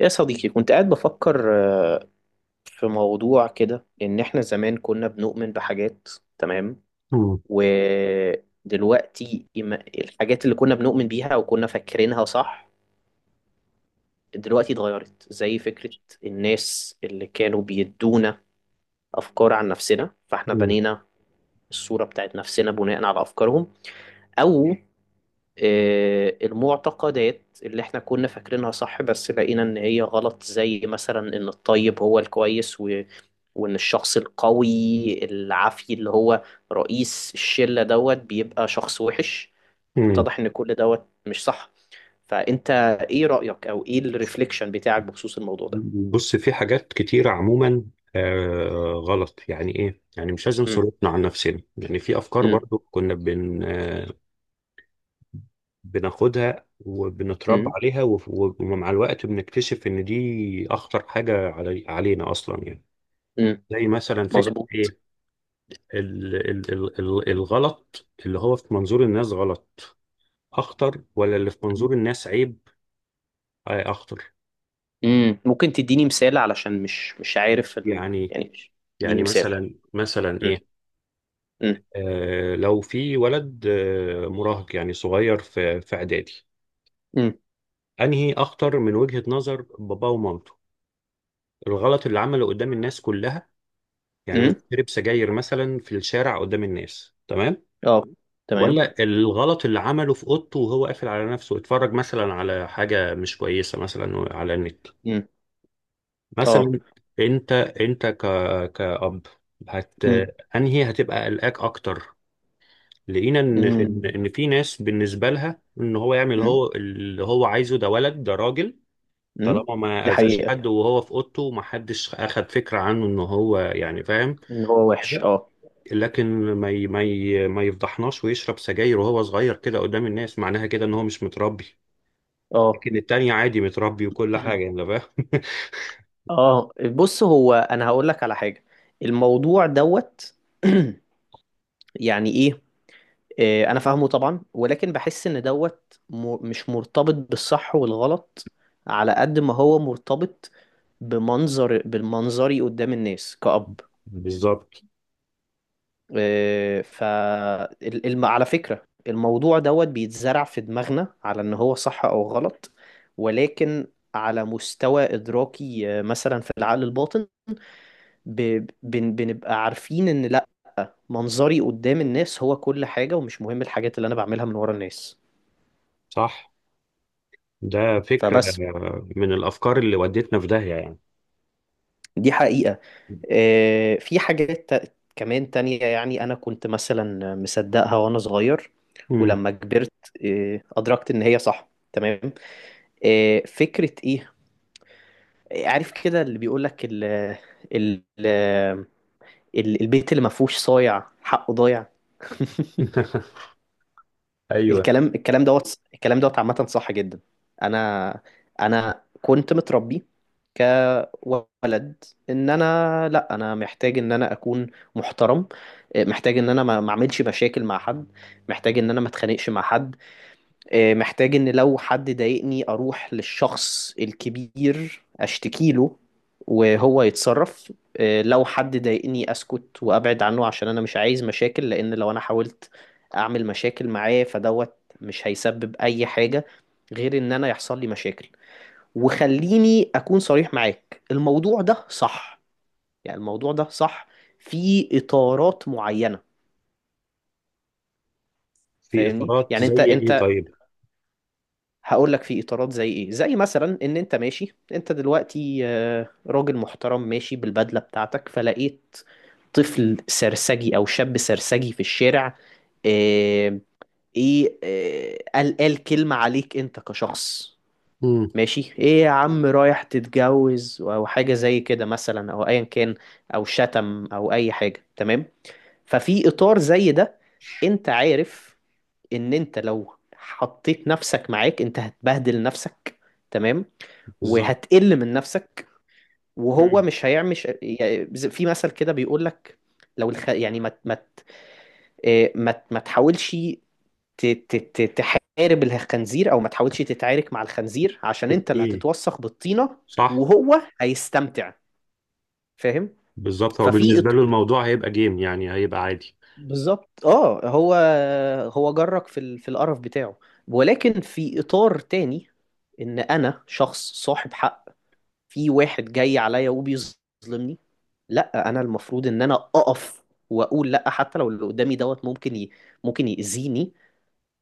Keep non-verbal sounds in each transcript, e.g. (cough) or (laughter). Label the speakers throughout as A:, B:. A: يا صديقي كنت قاعد بفكر آه، في موضوع كده، إن إحنا زمان كنا بنؤمن بحاجات. تمام.
B: مم.
A: ودلوقتي الحاجات اللي كنا بنؤمن بيها وكنا فاكرينها صح دلوقتي اتغيرت، زي فكرة الناس اللي كانوا بيدونا أفكار عن نفسنا، فإحنا
B: مم.
A: بنينا الصورة بتاعت نفسنا بناء على أفكارهم، أو المعتقدات اللي احنا كنا فاكرينها صح بس لقينا ان هي غلط، زي مثلا ان الطيب هو الكويس وان الشخص القوي العافي اللي هو رئيس الشلة دوت بيبقى شخص وحش.
B: مم.
A: اتضح ان كل دوت مش صح. فانت ايه رأيك او ايه الريفليكشن بتاعك بخصوص الموضوع ده؟
B: بص، في حاجات كتيرة عموما. غلط يعني ايه، يعني مش لازم
A: امم.
B: صرفنا عن نفسنا، يعني في افكار
A: امم.
B: برضو كنا بن آه بناخدها وبنتربى
A: امم.
B: عليها ومع الوقت بنكتشف ان دي اخطر حاجة علينا اصلا يعني.
A: امم.
B: زي مثلا فكرة
A: مظبوط.
B: ايه، ال ال ال ال الغلط اللي هو في منظور الناس غلط اخطر، ولا اللي في منظور الناس عيب؟ اخطر.
A: امم. ممكن تديني مثال، علشان مش عارف
B: يعني
A: اديني
B: يعني
A: مثال.
B: مثلا
A: امم.
B: ايه، لو في ولد، مراهق يعني صغير في اعدادي،
A: امم.
B: انهي اخطر من وجهة نظر باباه ومامته؟ الغلط اللي عمله قدام الناس كلها، يعني
A: امم.
B: مثلا شرب سجاير مثلا في الشارع قدام الناس، تمام؟
A: اه. تمام.
B: ولا الغلط اللي عمله في اوضته وهو قافل على نفسه، اتفرج مثلا على حاجة مش كويسة مثلا على النت
A: امم. اه.
B: مثلا؟ انت كأب هت
A: امم.
B: انهي هتبقى قلقاك اكتر؟ لقينا ان
A: امم.
B: في ناس بالنسبه لها ان هو يعمل
A: امم.
B: هو اللي هو عايزه، ده ولد، ده راجل،
A: امم.
B: طالما
A: دي
B: ما اذاش
A: حقيقة.
B: حد وهو في اوضته، ومحدش اخد فكره عنه ان هو يعني فاهم
A: ان هو وحش،
B: كده.
A: اه.
B: لكن ما يفضحناش ويشرب سجاير وهو صغير كده قدام الناس، معناها كده ان هو مش متربي.
A: اه.
B: لكن التاني عادي متربي وكل حاجه، انت
A: (clears throat)
B: فاهم؟ (laughs)
A: اه، بص، هو انا هقول لك على حاجة. الموضوع دوت (clears throat) يعني ايه، انا فاهمه طبعا، ولكن بحس ان دوت مش مرتبط بالصح والغلط، على قد ما هو مرتبط بالمنظري قدام الناس كأب.
B: بالظبط.
A: آه، ف على فكرة الموضوع دوت بيتزرع في دماغنا على ان هو صح او غلط، ولكن على مستوى ادراكي، مثلا في العقل الباطن، بنبقى عارفين ان لا، منظري قدام الناس هو كل حاجة، ومش مهم الحاجات اللي انا بعملها من ورا الناس.
B: صح، ده فكره
A: فبس.
B: من الافكار اللي ودتنا في داهيه يعني.
A: دي حقيقة. في حاجات كمان تانية، يعني انا كنت مثلا مصدقها وانا صغير،
B: مم.
A: ولما كبرت ادركت ان هي صح. تمام. فكرة ايه. عارف كده اللي بيقول لك ال البيت اللي ما فيهوش صايع حقه ضايع. (laughs)
B: (laughs) ايوه.
A: الكلام دوت الكلام دوت عامة صح جدا. انا انا كنت متربي كولد، ان انا لا انا محتاج ان انا اكون محترم، محتاج ان انا ما اعملش مشاكل مع حد، محتاج ان انا ما اتخانقش مع حد، محتاج ان لو حد ضايقني اروح للشخص الكبير اشتكي له وهو يتصرف. لو حد ضايقني اسكت وابعد عنه، عشان انا مش عايز مشاكل، لان لو انا حاولت اعمل مشاكل معاه فدوت مش هيسبب اي حاجة غير ان انا يحصل لي مشاكل. وخليني اكون صريح معاك، الموضوع ده صح، يعني الموضوع ده صح في اطارات معينة.
B: في
A: فاهمني؟
B: اطارات
A: يعني
B: زي
A: انت
B: ايه طيب؟
A: هقول لك في اطارات زي ايه. زي مثلا ان انت ماشي، انت دلوقتي راجل محترم ماشي بالبدله بتاعتك، فلقيت طفل سرسجي او شاب سرسجي في الشارع، آه، ايه آه، قال كلمه عليك انت كشخص:
B: امم.
A: ماشي ايه يا عم، رايح تتجوز، او حاجه زي كده مثلا، او ايا كان، او شتم، او اي حاجه. تمام. ففي اطار زي ده انت عارف ان انت لو حطيت نفسك معاك انت هتبهدل نفسك. تمام.
B: بالظبط.
A: وهتقل من نفسك، وهو
B: مم.
A: مش هيعمل يعني، في مثل كده بيقول لك: لو الخ... يعني ما ما آه، ما ما تحاولش تحارب الخنزير، او ما تحاولش تتعارك مع الخنزير، عشان انت اللي
B: ايه.
A: هتتوسخ بالطينة
B: صح.
A: وهو هيستمتع. فاهم؟
B: بالظبط، هو
A: ففي،
B: بالنسبه له الموضوع هيبقى جيم يعني، هيبقى عادي.
A: بالظبط، اه. هو هو جرك في القرف بتاعه. ولكن في اطار تاني، ان انا شخص صاحب حق، في واحد جاي عليا وبيظلمني، لا، انا المفروض ان انا اقف واقول لا، حتى لو اللي قدامي دوت ممكن ممكن يأذيني.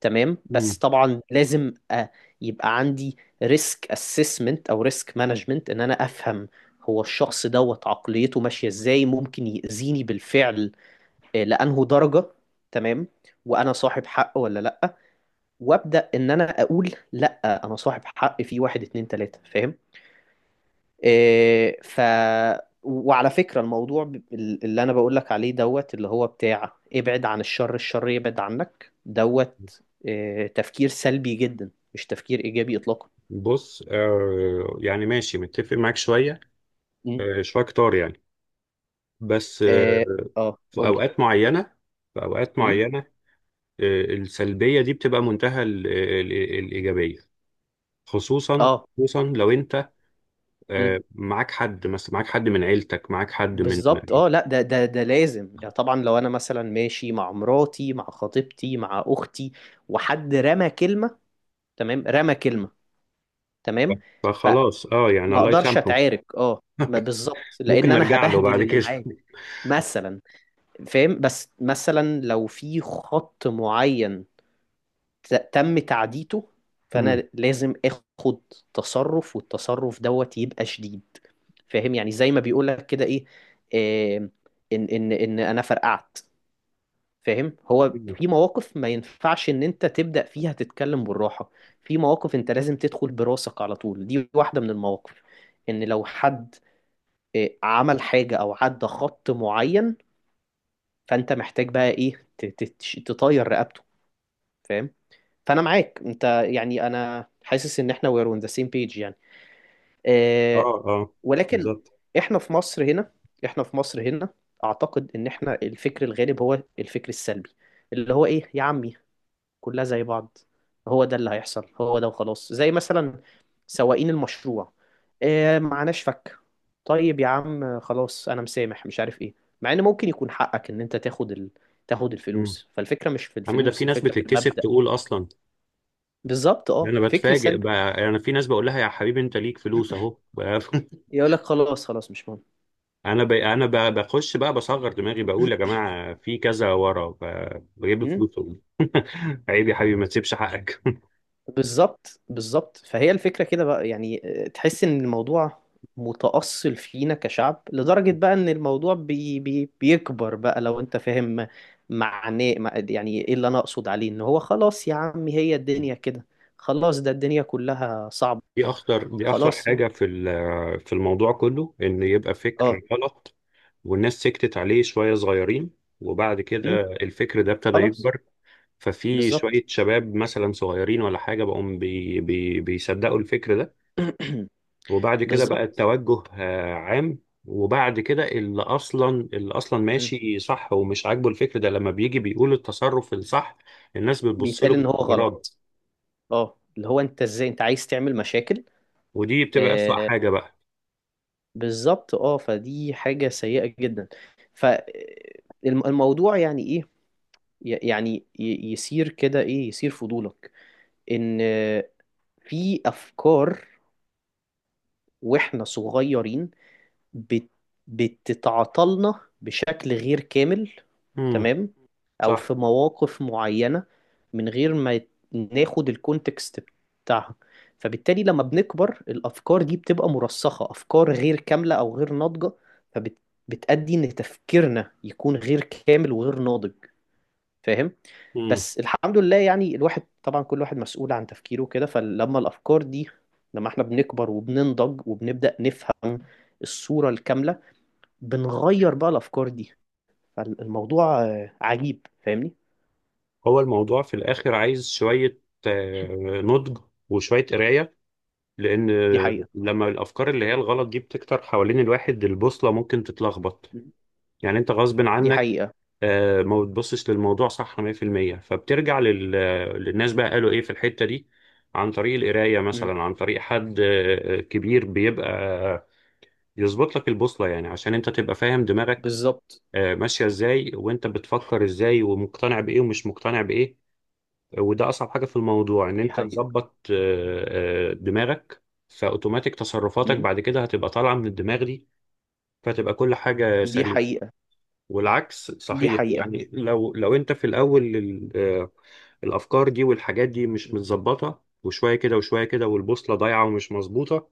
A: تمام.
B: مم.
A: بس طبعا لازم يبقى عندي ريسك اسسمنت او ريسك مانجمنت، ان انا افهم هو الشخص دوت عقليته ماشية ازاي، ممكن يأذيني بالفعل لأنه درجة. تمام. وأنا صاحب حق ولا لأ. وأبدأ إن أنا أقول لأ، أنا صاحب حق في واحد، اتنين، تلاتة. فاهم؟ آه، ف وعلى فكرة، الموضوع اللي أنا بقول لك عليه دوت، اللي هو بتاع ابعد عن الشر الشر يبعد عنك دوت، تفكير سلبي جدا، مش تفكير إيجابي إطلاقا.
B: بص، يعني ماشي متفق معاك شويه،
A: مم.
B: شويه كتار يعني. بس،
A: اه.
B: في
A: قولي.
B: اوقات معينه، في اوقات
A: مم؟
B: معينه السلبيه دي بتبقى منتهى الايجابيه، خصوصا،
A: اه،
B: خصوصا لو انت معاك حد، مثلا معاك حد من عيلتك، معاك حد من،
A: بالظبط، اه، لا، ده لازم يعني، طبعا لو انا مثلا ماشي مع مراتي، مع خطيبتي، مع اختي، وحد رمى كلمه، تمام، رمى كلمه، تمام. فما
B: فخلاص يعني الله
A: اقدرش
B: يسامحه.
A: اتعارك، اه، ما بالظبط،
B: ممكن
A: لان انا
B: نرجع له
A: هبهدل
B: بعد
A: اللي
B: كده.
A: معايا مثلا. فاهم؟ بس مثلا لو في خط معين تم تعديته، فانا
B: مم.
A: لازم اخد تصرف، والتصرف دوت يبقى شديد. فاهم؟ يعني زي ما بيقولك كده ايه، آه، ان انا فرقعت. فاهم؟ هو في
B: (laughs)
A: مواقف ما ينفعش ان انت تبدأ فيها تتكلم بالراحة، في مواقف انت لازم تدخل براسك على طول. دي واحدة من المواقف، ان لو حد عمل حاجة او عدى خط معين، فانت محتاج بقى ايه تطير رقبته. فاهم؟ فانا معاك انت، يعني انا حاسس ان احنا we're on the same page يعني.
B: اه،
A: آه،
B: اه،
A: ولكن
B: بالظبط.
A: احنا في مصر هنا، احنا في مصر هنا اعتقد ان احنا الفكر الغالب هو الفكر السلبي، اللي هو ايه، يا عمي كلها زي بعض، هو ده اللي هيحصل، هو ده وخلاص. زي مثلا سواقين المشروع. إيه معناش فك. طيب يا عم خلاص انا مسامح مش عارف ايه، مع ان ممكن يكون حقك ان انت تاخد تاخد
B: مم.
A: الفلوس. فالفكرة مش في
B: عم ده في
A: الفلوس،
B: ناس
A: الفكرة في
B: بتتكسف
A: المبدأ.
B: تقول اصلا.
A: بالظبط،
B: ده
A: اه،
B: انا
A: فكر
B: بتفاجئ
A: سلبي.
B: بقى، انا في ناس بقول لها يا حبيبي انت ليك فلوس اهو. (laughs)
A: يقول لك خلاص، خلاص مش مهم.
B: بخش بقى بصغر دماغي بقول يا جماعه في كذا ورا ب... بجيب
A: (clears throat)
B: فلوس أهو. (laughs) عيب يا حبيبي، ما تسيبش حقك. (laughs)
A: بالظبط، بالظبط. فهي الفكرة كده بقى، يعني تحس ان الموضوع متأصل فينا كشعب، لدرجة بقى ان الموضوع بي بي بيكبر بقى. لو انت فاهم معناه يعني ايه اللي انا اقصد عليه، ان هو خلاص يا عمي هي الدنيا كده، خلاص ده الدنيا كلها صعبة.
B: دي اخطر
A: خلاص،
B: حاجه في في الموضوع كله، ان يبقى
A: اه.
B: فكر غلط والناس سكتت عليه شويه، صغيرين، وبعد كده
A: أمم،
B: الفكر ده ابتدى
A: خلاص،
B: يكبر، ففي
A: بالظبط.
B: شوية شباب مثلا صغيرين ولا حاجة بقوا بي بي بيصدقوا الفكر ده.
A: (clears throat)
B: وبعد كده بقى
A: بالظبط.
B: التوجه عام، وبعد كده اللي أصلا
A: أمم.
B: ماشي صح ومش عاجبه الفكر ده، لما بيجي بيقول التصرف الصح الناس بتبص له
A: بيتقال ان هو
B: باستغراب،
A: غلط، اه، اللي هو انت ازاي انت عايز تعمل مشاكل.
B: ودي بتبقى أسوأ
A: آه،
B: حاجة بقى.
A: بالظبط، اه، فدي حاجة سيئة جدا. فالموضوع يعني ايه، يصير كده ايه، يصير فضولك ان في افكار واحنا صغيرين بت... بتتعطلنا بشكل غير كامل.
B: امم.
A: تمام. او
B: صح.
A: في مواقف معينة، من غير ما ناخد الكونتكست بتاعها، فبالتالي لما بنكبر الافكار دي بتبقى مرسخة، افكار غير كاملة او غير ناضجة، فبتأدي ان تفكيرنا يكون غير كامل وغير ناضج. فاهم؟
B: امم.
A: بس الحمد لله يعني، الواحد طبعا كل واحد مسؤول عن تفكيره كده، فلما الأفكار دي، لما احنا بنكبر وبننضج وبنبدأ نفهم الصورة الكاملة، بنغير بقى الافكار دي. فالموضوع عجيب. فاهمني؟
B: هو الموضوع في الآخر عايز شوية آه، نضج وشوية قراية، لأن
A: دي حقيقة.
B: لما الأفكار اللي هي الغلط دي بتكتر حوالين الواحد البوصلة ممكن تتلخبط.
A: مم.
B: يعني انت غصب
A: دي
B: عنك
A: حقيقة.
B: ما بتبصش للموضوع صح 100%، فبترجع لل... للناس بقى قالوا ايه في الحتة دي، عن طريق القراية
A: مم.
B: مثلا، عن طريق حد كبير بيبقى يظبط لك البوصلة، يعني عشان انت تبقى فاهم دماغك
A: بالظبط.
B: ماشية ازاي، وانت بتفكر ازاي ومقتنع بايه ومش مقتنع بايه. وده اصعب حاجة في الموضوع، ان
A: دي
B: انت
A: حقيقة.
B: تظبط دماغك، فاوتوماتيك تصرفاتك
A: مم.
B: بعد كده هتبقى طالعة من الدماغ دي، فتبقى كل حاجة
A: دي
B: سليمة.
A: حقيقة.
B: والعكس
A: دي
B: صحيح،
A: حقيقة.
B: يعني لو انت في الاول الافكار دي والحاجات دي مش
A: مم.
B: متظبطه، وشويه كده وشويه كده، والبوصله ضايعه ومش مظبوطه،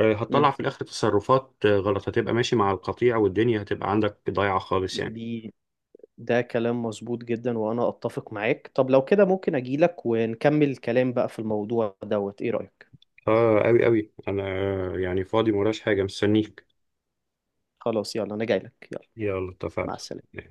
B: هتطلع
A: مم.
B: في الاخر تصرفات غلط، هتبقى ماشي مع القطيع والدنيا هتبقى عندك ضايعه خالص يعني.
A: دي ده كلام مظبوط جدا، وأنا أتفق معاك. طب لو كده ممكن أجيلك ونكمل الكلام بقى في الموضوع دوت، إيه رأيك؟
B: اه، قوي قوي انا يعني فاضي، مراش حاجه، مستنيك.
A: خلاص، يلا، أنا جايلك، يلا.
B: يلا،
A: مع
B: اتفقنا.
A: السلامة.